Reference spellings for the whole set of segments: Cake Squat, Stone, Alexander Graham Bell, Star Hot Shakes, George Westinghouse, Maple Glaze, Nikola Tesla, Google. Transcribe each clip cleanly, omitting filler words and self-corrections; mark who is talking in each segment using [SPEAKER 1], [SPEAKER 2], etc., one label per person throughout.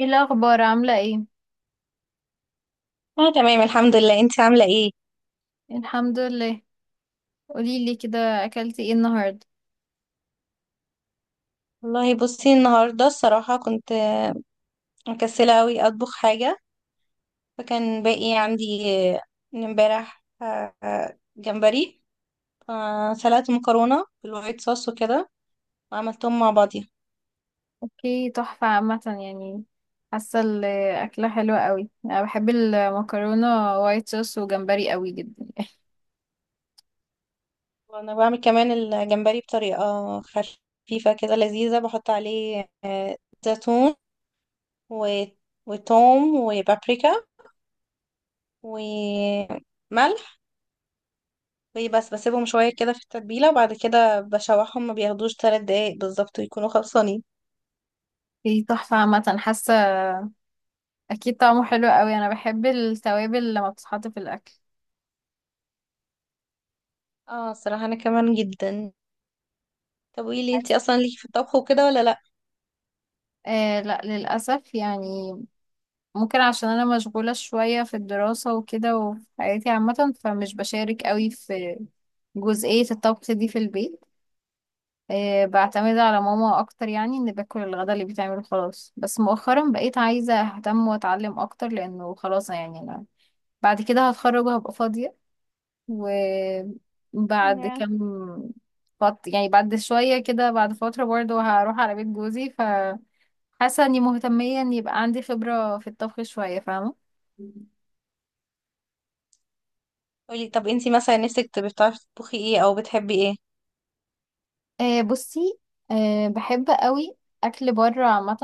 [SPEAKER 1] ايه الاخبار؟ عامله ايه؟
[SPEAKER 2] اه تمام، الحمد لله. انت عاملة ايه؟
[SPEAKER 1] الحمد لله. قولي لي كده، اكلتي ايه النهارده؟
[SPEAKER 2] والله بصي، النهاردة الصراحة كنت مكسلة اوي اطبخ حاجة. فكان باقي عندي آه، من امبارح جمبري. سلقت مكرونة بالوايت صوص وكده، وعملتهم مع بعضيها.
[SPEAKER 1] اوكي، تحفه عامه يعني. حاسه الاكله حلوه قوي، انا بحب المكرونه وايت صوص وجمبري قوي جدا.
[SPEAKER 2] وانا بعمل كمان الجمبري بطريقة خفيفة كده لذيذة، بحط عليه زيتون و- وتوم وبابريكا وملح. بس بسيبهم شوية كده في التتبيلة، وبعد كده بشوحهم، ما بياخدوش ثلاث دقايق بالظبط ويكونوا خلصانين.
[SPEAKER 1] ايه، تحفه عامه حاسه. اكيد طعمه حلو قوي، انا بحب التوابل لما بتتحط في الاكل.
[SPEAKER 2] اه الصراحة انا كمان جدا. طب قولي، انتي اصلا ليكي في الطبخ وكده ولا لا؟
[SPEAKER 1] آه لا، للأسف يعني. ممكن عشان أنا مشغولة شوية في الدراسة وكده وفي حياتي عامة، فمش بشارك قوي في جزئية الطبخ دي في البيت. بعتمد على ماما اكتر، يعني ان باكل الغدا اللي بيتعمل خلاص. بس مؤخرا بقيت عايزه اهتم واتعلم اكتر لانه خلاص يعني انا بعد كده هتخرج وهبقى فاضيه. وبعد
[SPEAKER 2] نعم.
[SPEAKER 1] كام، يعني بعد شويه كده، بعد فتره، برضه هروح على بيت جوزي، فحاسه اني مهتميه ان يبقى عندي خبره في الطبخ شويه، فاهمه.
[SPEAKER 2] قولي، طب انتي مثلا نفسك تبقي بتعرفي تطبخي ايه او بتحبي ايه؟
[SPEAKER 1] بصي، بحب قوي اكل بره عامه.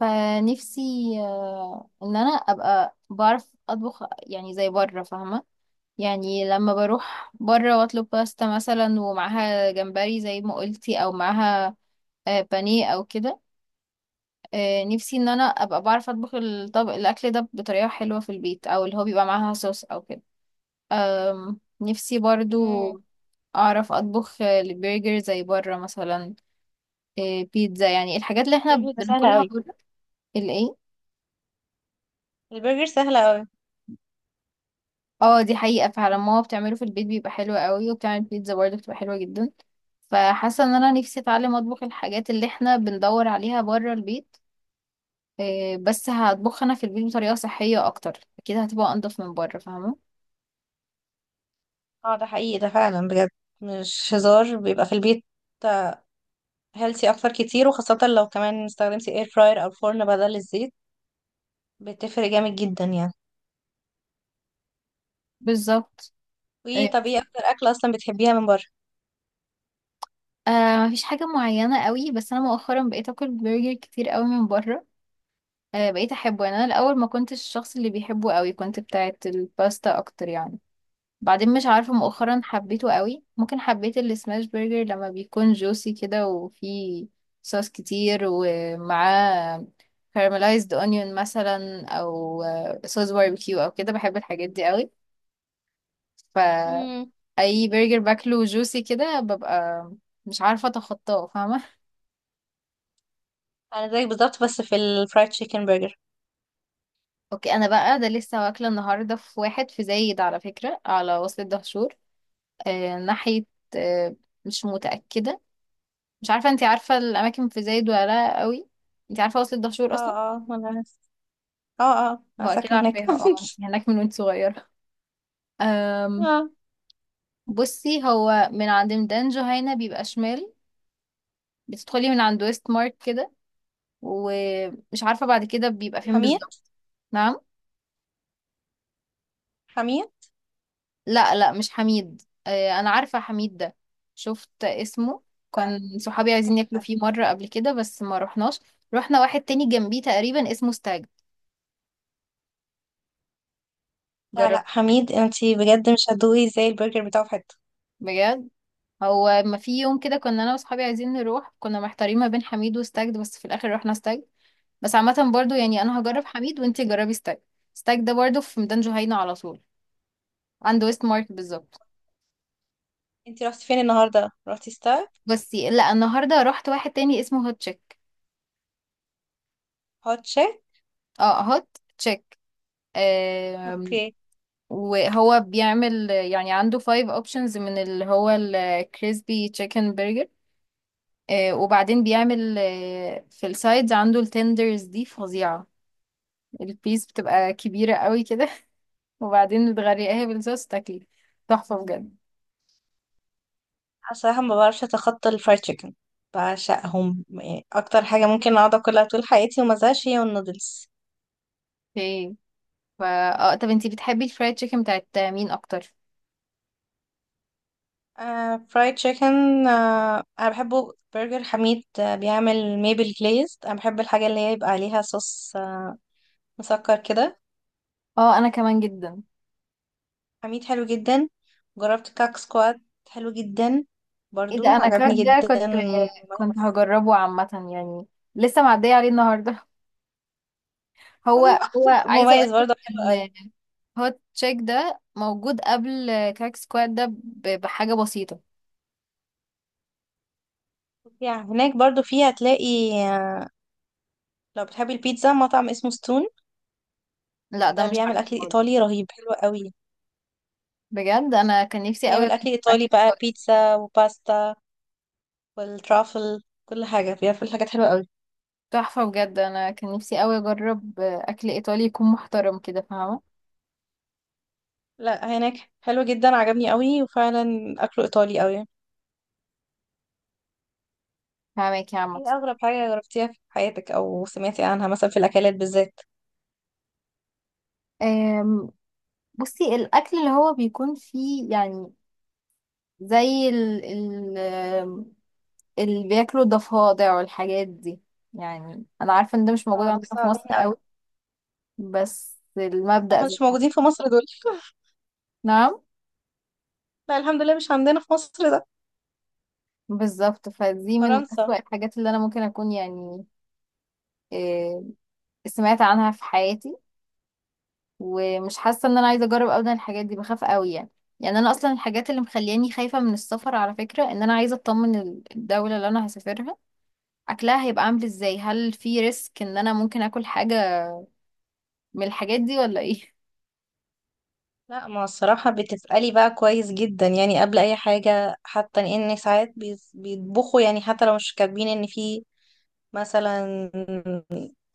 [SPEAKER 1] فنفسي، ان انا ابقى بعرف اطبخ يعني زي بره، فاهمه. يعني لما بروح بره واطلب باستا مثلا ومعاها جمبري زي ما قلتي، او معاها بانيه او كده. نفسي ان انا ابقى بعرف اطبخ الطبق الاكل ده بطريقه حلوه في البيت، او اللي هو بيبقى معاها صوص او كده. نفسي برضو
[SPEAKER 2] امم.
[SPEAKER 1] اعرف اطبخ البرجر زي بره مثلا. بيتزا، يعني الحاجات اللي احنا
[SPEAKER 2] برجر ده سهل
[SPEAKER 1] بناكلها
[SPEAKER 2] قوي.
[SPEAKER 1] بره. الايه؟
[SPEAKER 2] البرجر سهلة اوي.
[SPEAKER 1] اه دي حقيقة، فعلا ماما بتعمله في البيت بيبقى حلو قوي، وبتعمل بيتزا برضه بتبقى حلوة جدا. فحاسة ان انا نفسي اتعلم اطبخ الحاجات اللي احنا بندور عليها بره البيت. إيه، بس هطبخها انا في البيت بطريقة صحية اكتر، اكيد هتبقى انضف من بره، فاهمة.
[SPEAKER 2] اه ده حقيقي، ده فعلا بجد. مش هزار، بيبقى في البيت هيلثي اكتر كتير، وخاصة لو كمان استخدمتي اير فراير او فرن بدل الزيت. بتفرق جامد جدا يعني.
[SPEAKER 1] بالظبط. إيه.
[SPEAKER 2] وطب ايه اكتر اكلة اصلا بتحبيها من بره؟
[SPEAKER 1] آه، مفيش حاجة معينة قوي، بس انا مؤخرا بقيت اكل برجر كتير قوي من بره. آه بقيت احبه يعني، انا الاول ما كنتش الشخص اللي بيحبه قوي، كنت بتاعت الباستا اكتر يعني. بعدين مش عارفة مؤخرا حبيته قوي، ممكن حبيت السماش برجر لما بيكون جوسي كده وفيه صوص كتير ومعاه كارملايزد اونيون مثلا، او صوص باربيكيو او كده. بحب الحاجات دي قوي.
[SPEAKER 2] مم.
[SPEAKER 1] فاي برجر باكله جوسي كده ببقى مش عارفة اتخطاه، فاهمة.
[SPEAKER 2] انا زيك بالظبط، بس في الفرايد تشيكن برجر.
[SPEAKER 1] اوكي، انا بقى ده لسه واكلة النهاردة في واحد في زايد، على فكرة، على وصلة دهشور. ناحية، آه، مش متأكدة، مش عارفة انتي عارفة الأماكن في زايد ولا لأ قوي. انتي عارفة وصل الدهشور أصلا؟
[SPEAKER 2] اه اه، ما انا، اه اه
[SPEAKER 1] هو
[SPEAKER 2] انا
[SPEAKER 1] أكيد
[SPEAKER 2] ساكنه هناك
[SPEAKER 1] عارفاها، اه انتي هناك من وانت صغيرة. أم.
[SPEAKER 2] اه،
[SPEAKER 1] بصي، هو من عند ميدان جهينة بيبقى شمال، بتدخلي من عند ويست مارك كده، ومش عارفة بعد كده بيبقى فين
[SPEAKER 2] حميد
[SPEAKER 1] بالظبط. نعم؟
[SPEAKER 2] حميد.
[SPEAKER 1] لا لا، مش حميد. أه أنا عارفة حميد ده، شفت اسمه،
[SPEAKER 2] ف-
[SPEAKER 1] كان صحابي عايزين ياكلوا فيه مرة قبل كده بس ما رحناش. رحنا واحد تاني جنبيه تقريبا اسمه ستاج،
[SPEAKER 2] لا لا،
[SPEAKER 1] جربت.
[SPEAKER 2] حميد انتي بجد مش هتدوقي زي البرجر بتاعه في حته.
[SPEAKER 1] بجد؟ هو ما في يوم كده كنا انا واصحابي عايزين نروح، كنا محتارين ما بين حميد وستاجد، بس في الاخر رحنا ستاجد. بس عامه برضو يعني انا هجرب حميد وانتي جربي ستاجد. ستاجد ده برضو في ميدان جهينة على طول، عند ويست مارك بالظبط.
[SPEAKER 2] انتي رحتي فين النهارده؟ رحتي ستار؟
[SPEAKER 1] بس لا، النهارده رحت واحد تاني اسمه هوت تشيك.
[SPEAKER 2] هوت شيك؟
[SPEAKER 1] اه، هوت تشيك. آم،
[SPEAKER 2] اوكي.
[SPEAKER 1] وهو بيعمل يعني عنده فايف اوبشنز من اللي هو الكريسبي تشيكن برجر. وبعدين بيعمل في السايدز عنده التندرز دي فظيعة. البيس بتبقى كبيرة قوي كده، وبعدين بتغرقيها بالصوص تاكلي، تحفة بجد.
[SPEAKER 2] أنا صراحه ما بعرفش اتخطى الفرايد تشيكن، بعشقهم يعني. اكتر حاجه ممكن اقعد اكلها طول حياتي وما ازهقش هي النودلز.
[SPEAKER 1] اوكي. فا، اه، طب انتي بتحبي الفرايد تشيكن بتاعت مين اكتر؟
[SPEAKER 2] فرايد تشيكن، انا بحبه. برجر حميد بيعمل ميبل جليز، انا بحب الحاجه اللي هي يبقى عليها صوص مسكر كده.
[SPEAKER 1] اه انا كمان جدا.
[SPEAKER 2] حميد حلو جدا. جربت كاك سكوات، حلو جدا،
[SPEAKER 1] ايه ده،
[SPEAKER 2] برضو
[SPEAKER 1] انا كراك
[SPEAKER 2] عجبني
[SPEAKER 1] ده
[SPEAKER 2] جدا،
[SPEAKER 1] كنت
[SPEAKER 2] مميز.
[SPEAKER 1] هجربه عامة يعني، لسه معدية عليه النهاردة. هو،
[SPEAKER 2] حلو.
[SPEAKER 1] هو عايزة
[SPEAKER 2] مميز
[SPEAKER 1] اقولك
[SPEAKER 2] برضو حلو قوي.
[SPEAKER 1] ان هوت تشيك ده موجود قبل كراك سكواد ده بحاجة بسيطة.
[SPEAKER 2] يعني هناك برضو فيه هتلاقي، لو بتحبي البيتزا مطعم اسمه ستون.
[SPEAKER 1] لا ده
[SPEAKER 2] ده
[SPEAKER 1] مش
[SPEAKER 2] بيعمل
[SPEAKER 1] عارفة
[SPEAKER 2] اكل
[SPEAKER 1] خالص.
[SPEAKER 2] ايطالي رهيب حلو قوي.
[SPEAKER 1] بجد انا كان نفسي قوي
[SPEAKER 2] يعمل
[SPEAKER 1] اجرب
[SPEAKER 2] اكل
[SPEAKER 1] اكل.
[SPEAKER 2] ايطالي بقى، بيتزا وباستا والترافل، كل حاجه بيعمل حاجات حلوه قوي.
[SPEAKER 1] تحفة بجد، انا كان نفسي قوي اجرب اكل ايطالي يكون محترم كده، فاهمة.
[SPEAKER 2] لا، هناك حلو جدا، عجبني قوي، وفعلا اكله ايطالي قوي.
[SPEAKER 1] فاهمك يا عم.
[SPEAKER 2] ايه اغرب حاجه جربتيها في حياتك او سمعتي عنها مثلا في الاكلات بالذات؟
[SPEAKER 1] أم، بصي، الأكل اللي هو بيكون فيه يعني زي ال ال أم، اللي بياكلوا ضفادع والحاجات دي، يعني أنا عارفة إن ده مش موجود
[SPEAKER 2] اه ده
[SPEAKER 1] عندنا في
[SPEAKER 2] صعبين
[SPEAKER 1] مصر
[SPEAKER 2] قوي.
[SPEAKER 1] قوي، بس المبدأ
[SPEAKER 2] احنا
[SPEAKER 1] زي
[SPEAKER 2] مش
[SPEAKER 1] ده.
[SPEAKER 2] موجودين في مصر دول.
[SPEAKER 1] نعم.
[SPEAKER 2] لا الحمد لله مش عندنا في مصر ده.
[SPEAKER 1] بالظبط، فدي من
[SPEAKER 2] فرنسا.
[SPEAKER 1] أسوأ الحاجات اللي أنا ممكن أكون يعني. أم، سمعت عنها في حياتي، ومش حاسة إن أنا عايزة أجرب أبدا الحاجات دي، بخاف قوي يعني. يعني أنا أصلا الحاجات اللي مخلياني خايفة من السفر، على فكرة، إن أنا عايزة أطمن الدولة اللي أنا هسافرها اكلها هيبقى عامل ازاي، هل في ريسك ان انا ممكن اكل حاجة من الحاجات دي ولا ايه.
[SPEAKER 2] لا ما الصراحه، بتسالي بقى كويس جدا يعني. قبل اي حاجه، حتى ان ساعات بيطبخوا، يعني حتى لو مش كاتبين ان في مثلا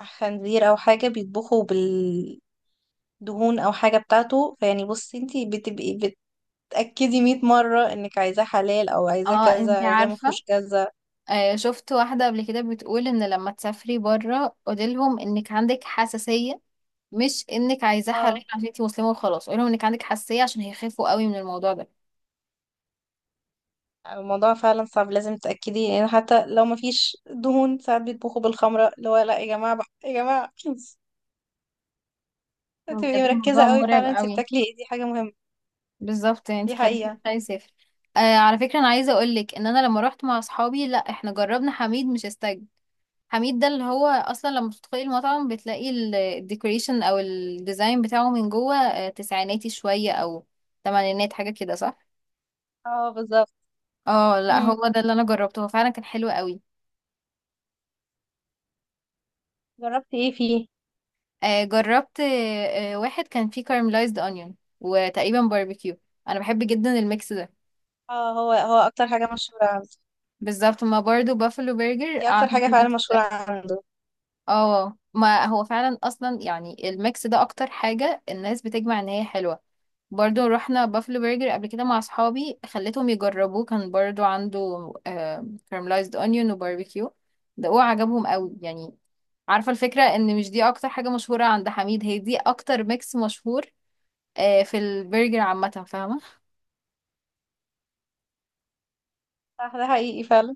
[SPEAKER 2] خنزير او حاجه، بيطبخوا بال دهون او حاجه بتاعته، فيعني بصي، انتي بتبقي تأكدي 100 مرة انك عايزاه حلال، او عايزاه
[SPEAKER 1] اه
[SPEAKER 2] كذا،
[SPEAKER 1] انتي
[SPEAKER 2] عايزاه ما
[SPEAKER 1] عارفة،
[SPEAKER 2] فيهوش كذا.
[SPEAKER 1] آه شفت واحدة قبل كده بتقول ان لما تسافري برا قوليلهم انك عندك حساسية، مش انك عايزاه
[SPEAKER 2] اه
[SPEAKER 1] حلال عشان انتي مسلمة وخلاص. قوليلهم انك عندك حساسية عشان هيخافوا قوي من الموضوع ده.
[SPEAKER 2] الموضوع فعلا صعب، لازم تتأكدي يعني. حتى لو ما فيش دهون، ساعات بيطبخوا بالخمرة، اللي هو لا يا جماعة بقى، يا جماعة تبقي
[SPEAKER 1] بجد
[SPEAKER 2] مركزة
[SPEAKER 1] الموضوع
[SPEAKER 2] قوي
[SPEAKER 1] مرعب
[SPEAKER 2] فعلا انت
[SPEAKER 1] قوي.
[SPEAKER 2] بتاكلي ايه، دي حاجة مهمة.
[SPEAKER 1] بالظبط، يعني انتي
[SPEAKER 2] دي
[SPEAKER 1] خليكي
[SPEAKER 2] حقيقة.
[SPEAKER 1] تخافي يسافر. على فكرة انا عايزة اقولك ان انا لما روحت مع اصحابي لا احنا جربنا حميد مش استاج. حميد ده اللي هو اصلا لما بتدخلي المطعم بتلاقي الديكوريشن او الديزاين بتاعه من جوه تسعيناتي شوية او تمانينات، حاجة كده، صح؟
[SPEAKER 2] اه بالظبط.
[SPEAKER 1] اه لا،
[SPEAKER 2] امم.
[SPEAKER 1] هو ده اللي انا جربته، هو فعلا كان حلو قوي.
[SPEAKER 2] جربتي ايه فيه؟
[SPEAKER 1] جربت واحد كان فيه كارملايزد اونيون وتقريبا باربيكيو. انا بحب جدا الميكس ده.
[SPEAKER 2] اه، هو اكتر حاجة مشهورة عنده.
[SPEAKER 1] بالظبط، ما برضو بافلو برجر
[SPEAKER 2] دي اكتر
[SPEAKER 1] عنده.
[SPEAKER 2] حاجة فعلا مشهورة عنده.
[SPEAKER 1] اه، ما هو فعلا اصلا يعني الميكس ده اكتر حاجة الناس بتجمع ان هي حلوة. برضو رحنا بافلو برجر قبل كده مع اصحابي خليتهم يجربوه، كان برضو عنده كارملايزد اونيون وباربيكيو، ده هو عجبهم قوي يعني. عارفة الفكرة ان مش دي اكتر حاجة مشهورة عند حميد، هي دي اكتر ميكس مشهور في البرجر عامة، فاهمة.
[SPEAKER 2] صح ده حقيقي فعلا.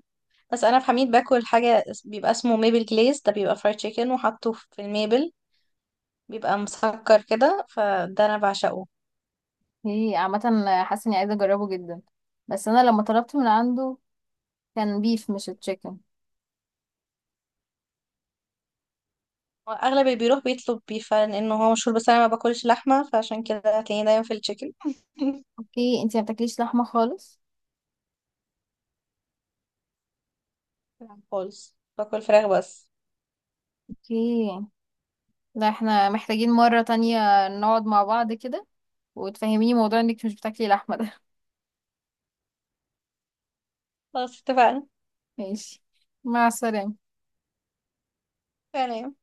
[SPEAKER 2] بس انا في حميد باكل حاجة، بيبقى اسمه ميبل جليز، ده بيبقى فرايد تشيكن وحطه في الميبل، بيبقى مسكر كده، فده انا بعشقه.
[SPEAKER 1] هي عامة، حاسة اني عايزة اجربه جدا، بس انا لما طلبت من عنده كان بيف مش تشيكن.
[SPEAKER 2] اغلب اللي بيروح بيطلب بيف لانه هو مشهور، بس انا ما باكلش لحمه، فعشان كده هتلاقيني دايما في التشيكن.
[SPEAKER 1] اوكي، انتي ما بتاكليش لحمة خالص.
[SPEAKER 2] خالص، باكل فراخ بس.
[SPEAKER 1] اوكي. لا احنا محتاجين مرة تانية نقعد مع بعض كده وتفهميني موضوع انك مش بتاكلي لحمة ده.
[SPEAKER 2] خلاص اتفقنا.
[SPEAKER 1] ماشي، مع السلامة.
[SPEAKER 2] سلام.